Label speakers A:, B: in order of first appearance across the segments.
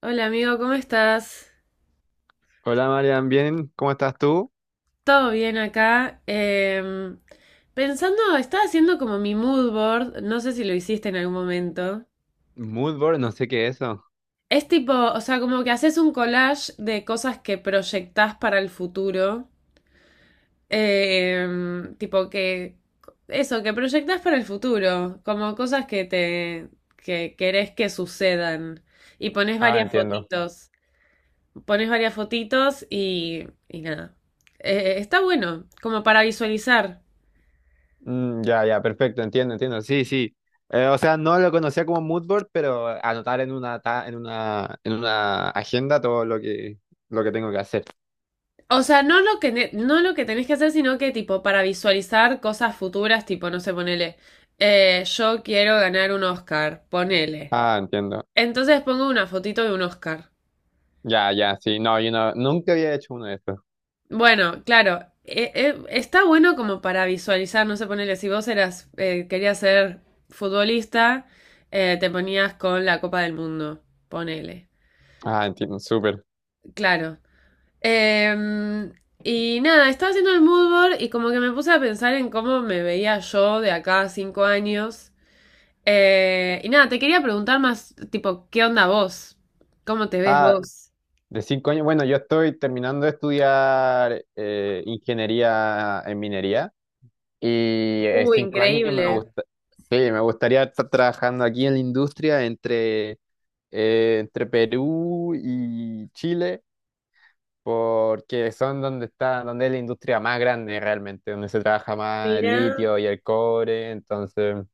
A: Hola amigo, ¿cómo estás?
B: Hola Marian, bien, ¿cómo estás tú?
A: ¿Todo bien acá? Pensando, estaba haciendo como mi mood board, no sé si lo hiciste en algún momento.
B: Moodboard, no sé qué es eso.
A: Es tipo, o sea, como que haces un collage de cosas que proyectás para el futuro. Em, tipo que, eso, que proyectás para el futuro, como cosas que te, que querés que sucedan. Y pones
B: Ah,
A: varias
B: entiendo.
A: fotitos. Pones varias fotitos y nada. Está bueno, como para visualizar.
B: Ya, ya, perfecto, entiendo, entiendo. Sí, sí. No lo conocía como moodboard, pero anotar en una agenda todo lo que tengo que hacer.
A: O sea, no lo que tenés que hacer, sino que tipo para visualizar cosas futuras, tipo, no sé, ponele. Yo quiero ganar un Oscar, ponele.
B: Ah, entiendo.
A: Entonces pongo una fotito de un Oscar.
B: Ya, ya, sí. No, yo no, nunca había hecho uno de estos.
A: Bueno, claro, está bueno como para visualizar, no sé, ponele, si vos eras, querías ser futbolista, te ponías con la Copa del Mundo, ponele.
B: Ah, entiendo, súper.
A: Claro. Em, y nada, estaba haciendo el mood board y como que me puse a pensar en cómo me veía yo de acá a 5 años. Y nada, te quería preguntar más, tipo, ¿qué onda vos? ¿Cómo te ves
B: Ah,
A: vos?
B: de 5 años. Bueno, yo estoy terminando de estudiar ingeniería en minería. Y en 5 años me
A: Increíble.
B: sí, me gustaría estar trabajando aquí en la industria entre Perú y Chile, porque son donde está, donde es la industria más grande realmente, donde se trabaja más el
A: Mirá.
B: litio y el cobre. Entonces,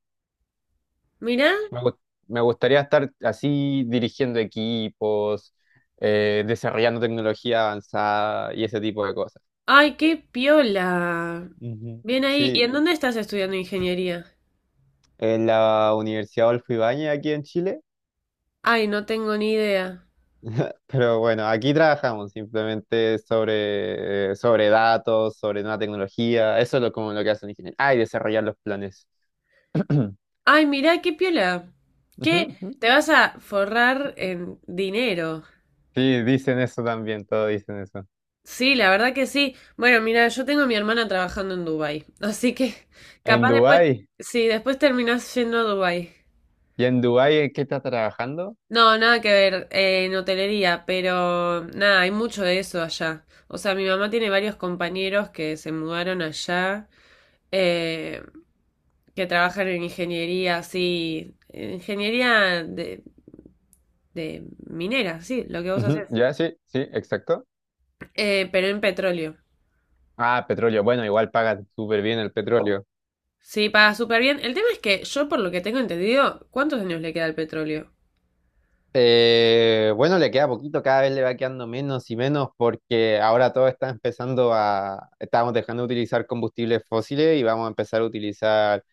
A: Mirá.
B: me, gust- me gustaría estar así dirigiendo equipos, desarrollando tecnología avanzada y ese tipo de cosas.
A: Ay, qué piola.
B: Ujú.
A: Bien ahí. ¿Y
B: Sí,
A: en dónde estás estudiando ingeniería?
B: en la Universidad Adolfo Ibáñez aquí en Chile.
A: Ay, no tengo ni idea.
B: Pero bueno, aquí trabajamos simplemente sobre datos, sobre nueva tecnología. Eso es lo, como lo que hace un ingeniero. Ah, y desarrollar los planes.
A: Ay, mirá, qué piola. ¿Qué?
B: Ujú, ujú.
A: Te vas a forrar en dinero.
B: Sí, dicen eso también, todos dicen eso.
A: Sí, la verdad que sí. Bueno, mira, yo tengo a mi hermana trabajando en Dubai, así que
B: En
A: capaz después,
B: Dubái.
A: sí, después terminás yendo a Dubai.
B: ¿Y en Dubái en qué estás trabajando?
A: No, nada que ver, en hotelería, pero nada, hay mucho de eso allá. O sea, mi mamá tiene varios compañeros que se mudaron allá, eh, que trabajan en ingeniería, así, en ingeniería de minera, sí, lo que vos
B: Ujú,
A: haces,
B: ya, sí, sí, exacto.
A: pero en petróleo.
B: Ah, petróleo. Bueno, igual pagan súper bien el petróleo.
A: Sí, paga súper bien. El tema es que yo, por lo que tengo entendido, ¿cuántos años le queda al petróleo?
B: Bueno, le queda poquito, cada vez le va quedando menos y menos porque ahora todo está empezando a, estamos dejando de utilizar combustibles fósiles y vamos a empezar a utilizar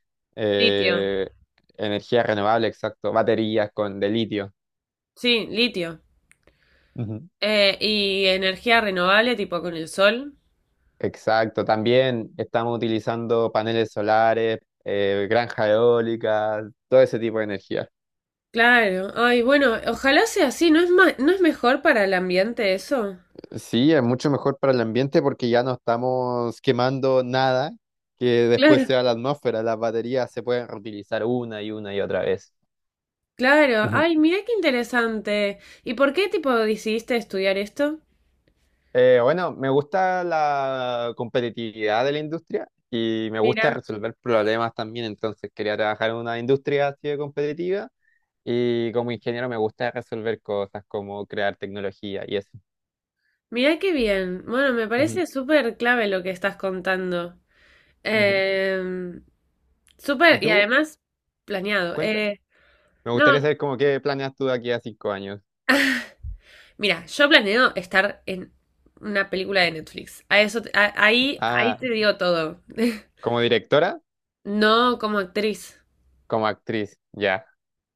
A: Litio.
B: eh, energía renovable, exacto, baterías con de litio.
A: Sí, litio.
B: Ujú.
A: Y energía renovable, tipo con el sol.
B: Exacto, también estamos utilizando paneles solares, granjas eólicas, todo ese tipo de energía.
A: Claro. Ay, bueno, ojalá sea así. ¿No es mejor para el ambiente eso?
B: Sí, es mucho mejor para el ambiente porque ya no estamos quemando nada que después
A: Claro.
B: sea la atmósfera. Las baterías se pueden reutilizar una y otra vez.
A: Claro.
B: Ujú.
A: Ay, mira qué interesante. ¿Y por qué, tipo, decidiste estudiar esto?
B: Bueno, me gusta la competitividad de la industria y me gusta
A: Mira.
B: resolver problemas también. Entonces quería trabajar en una industria así de competitiva y como ingeniero me gusta resolver cosas como crear tecnología y eso.
A: Mira qué bien. Bueno, me
B: Ujú,
A: parece súper clave lo que estás contando.
B: ujú.
A: Eh,
B: ¿Y
A: Súper, y
B: tú?
A: además, planeado.
B: Cuenta. Me
A: No,
B: gustaría saber cómo qué planeas tú de aquí a 5 años.
A: mira, yo planeo estar en una película de Netflix. A eso, ahí, ahí
B: Ah,
A: te digo todo.
B: como directora.
A: No como actriz.
B: Como actriz, ya.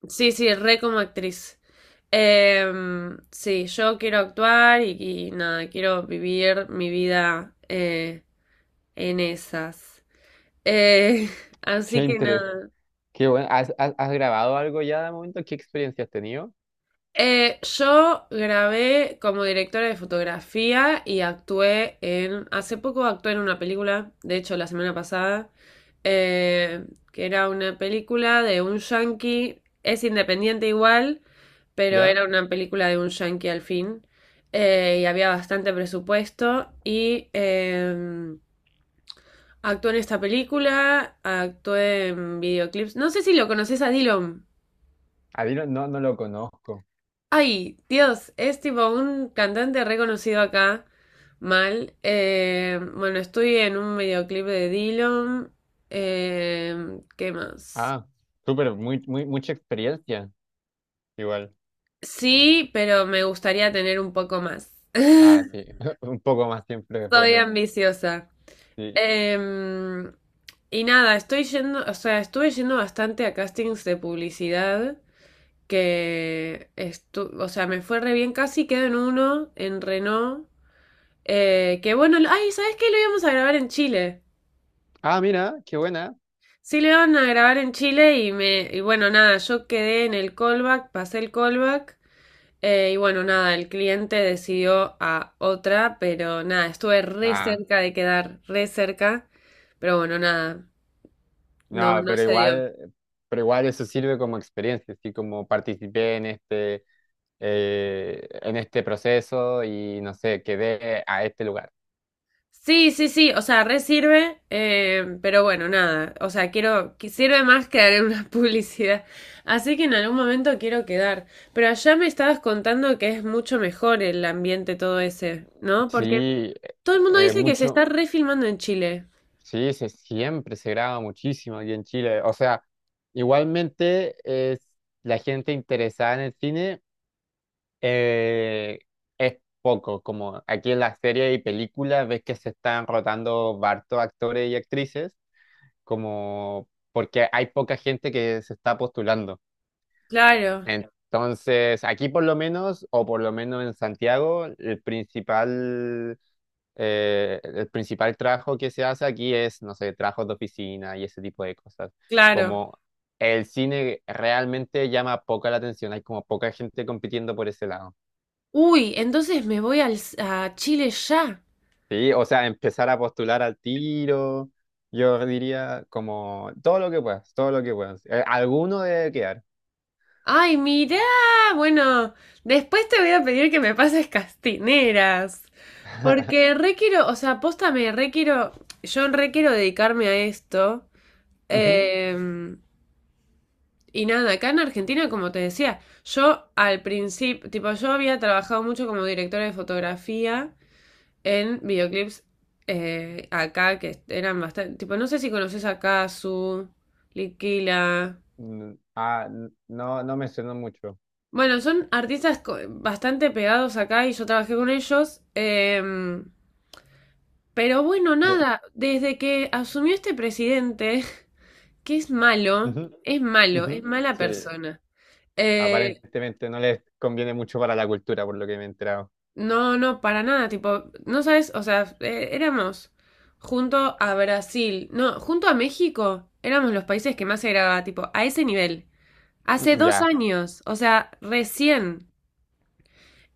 A: Sí, sí, re como actriz. Sí, yo quiero actuar y nada, quiero vivir mi vida en esas. Eh,
B: Qué
A: Así que
B: interés.
A: nada.
B: Qué bueno. ¿Has, has grabado algo ya de momento? ¿Qué experiencia has tenido?
A: Yo grabé como directora de fotografía y actué en... Hace poco actué en una película, de hecho la semana pasada, eh, que era una película de un yankee, es independiente igual, pero
B: ¿Ya?
A: era una película de un yankee al fin, y había bastante presupuesto y actué en esta película, actué en videoclips. No sé si lo conoces a Dylan.
B: A Dylan no, no lo conozco.
A: Ay, Dios, es tipo un cantante reconocido acá, mal. Bueno, estoy en un videoclip de Dillon. ¿Qué más?
B: Ah, súper, muy, muy, mucha experiencia. Igual.
A: Sí, pero me gustaría tener un poco más.
B: Ah, sí. Un poco más siempre es
A: Soy
B: bueno.
A: ambiciosa.
B: Sí.
A: Em, y nada, estoy yendo, o sea, estuve yendo bastante a castings de publicidad, o sea, me fue re bien, casi quedo en uno, en Renault. Que bueno, lo- ay, ¿sabes qué? Lo íbamos a grabar en Chile.
B: Ah, mira, qué buena.
A: Sí, lo iban a grabar en Chile y me, y bueno, nada, yo quedé en el callback, pasé el callback, y bueno, nada, el cliente decidió a otra, pero nada, estuve re
B: Ah,
A: cerca de quedar, re cerca, pero bueno, nada, no,
B: no,
A: no se dio.
B: pero igual eso sirve como experiencia, así como participé en este proceso y no sé, quedé a este lugar.
A: Sí, sí, sí, o sea, re sirve, pero bueno, nada, o sea, quiero, que sirve más que dar una publicidad, así que en algún momento quiero quedar, pero allá me estabas contando que es mucho mejor el ambiente todo ese, ¿no?
B: Sí,
A: Porque todo el mundo dice que se
B: mucho.
A: está refilmando en Chile.
B: Sí, se, siempre se graba muchísimo aquí en Chile. O sea, igualmente es la gente interesada en el cine eh, es poco, como aquí en las series y películas ves que se están rotando hartos actores y actrices, como porque hay poca gente que se está postulando.
A: Claro,
B: Entonces, aquí por lo menos, o por lo menos en Santiago, el principal trabajo que se hace aquí es, no sé, trabajos de oficina y ese tipo de cosas.
A: claro.
B: Como el cine realmente llama poca la atención, hay como poca gente compitiendo por ese lado.
A: Uy, entonces me voy al, a Chile ya.
B: Sí, o sea, empezar a postular al tiro, yo diría como todo lo que puedas, todo lo que puedas. Alguno debe quedar.
A: Ay, mirá, bueno, después te voy a pedir que me pases castineras, porque re quiero, o sea, posta me re quiero, yo re quiero dedicarme a esto.
B: Ujú.
A: em, y nada, acá en Argentina, como te decía, yo al principio, tipo, yo había trabajado mucho como directora de fotografía en videoclips acá, que eran bastante, tipo, no sé si conoces a Cazzu, Liquila.
B: No, no menciono mucho.
A: Bueno, son artistas bastante pegados acá y yo trabajé con ellos. Pero bueno, nada, desde que asumió este presidente, que es malo,
B: Ujú,
A: es malo,
B: ujú.
A: es mala
B: Sí,
A: persona. eh,
B: aparentemente no les conviene mucho para la cultura, por lo que me he enterado.
A: no, no, para nada, tipo, no sabes, o sea, éramos junto a Brasil, no, junto a México, éramos los países que más se grababa, tipo, a ese nivel. Hace
B: Mm,
A: dos
B: ya,
A: años, o sea, recién.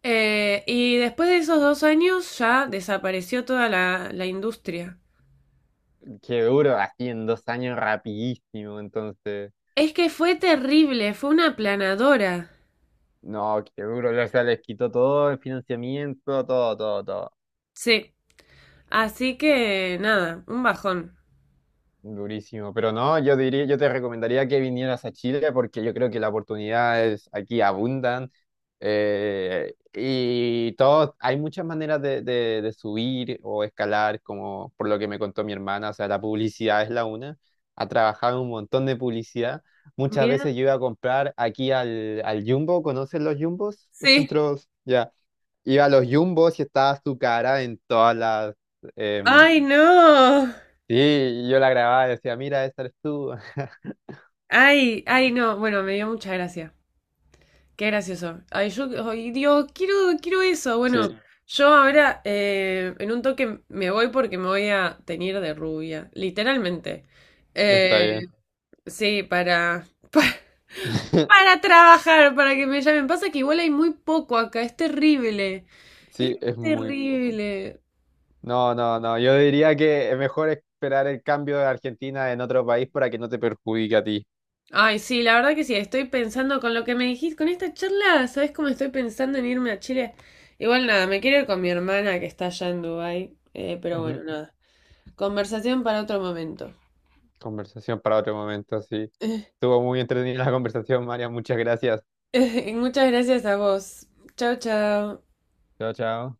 A: Y después de esos 2 años ya desapareció toda la, la industria.
B: qué duro, así en 2 años rapidísimo, entonces.
A: Es que fue terrible, fue una aplanadora.
B: No, qué duro, o sea, les quitó todo el financiamiento, todo, todo, todo.
A: Sí. Así que nada, un bajón.
B: Durísimo, pero no, yo diría, yo te recomendaría que vinieras a Chile porque yo creo que las oportunidades aquí abundan y todo, hay muchas maneras de, de subir o escalar, como por lo que me contó mi hermana, o sea, la publicidad es la una, ha trabajado en un montón de publicidad, muchas veces
A: Mira.
B: yo iba a comprar aquí al, al Jumbo, ¿conocen los Jumbos? Los
A: Sí.
B: centros, ya, iba a los Jumbos y estaba su cara en todas las... em,
A: Ay, no.
B: sí, y yo la grababa y decía, mira, esta eres tú.
A: Ay, ay, no. Bueno, me dio mucha gracia. Qué gracioso. Ay, yo ay, digo, quiero, quiero eso. Bueno, sí.
B: Sí,
A: Yo ahora, en un toque me voy porque me voy a teñir de rubia. Literalmente.
B: está
A: Eh,
B: bien.
A: sí, para. Para trabajar, para que me llamen. Pasa que igual hay muy poco acá, es terrible. Es
B: Sí, es muy poco.
A: terrible.
B: No, no, no. Yo diría que es mejor esperar el cambio de Argentina en otro país para que no te perjudique a ti.
A: Ay, sí, la verdad que sí, estoy pensando con lo que me dijiste, con esta charla, ¿sabes cómo estoy pensando en irme a Chile? Igual nada, me quiero ir con mi hermana que está allá en Dubái, pero
B: Ujú.
A: bueno, nada. Conversación para otro momento.
B: Conversación para otro momento, sí. Estuvo muy entretenida la conversación, María. Muchas gracias.
A: Muchas gracias a vos. Chao, chao.
B: Chao, chao.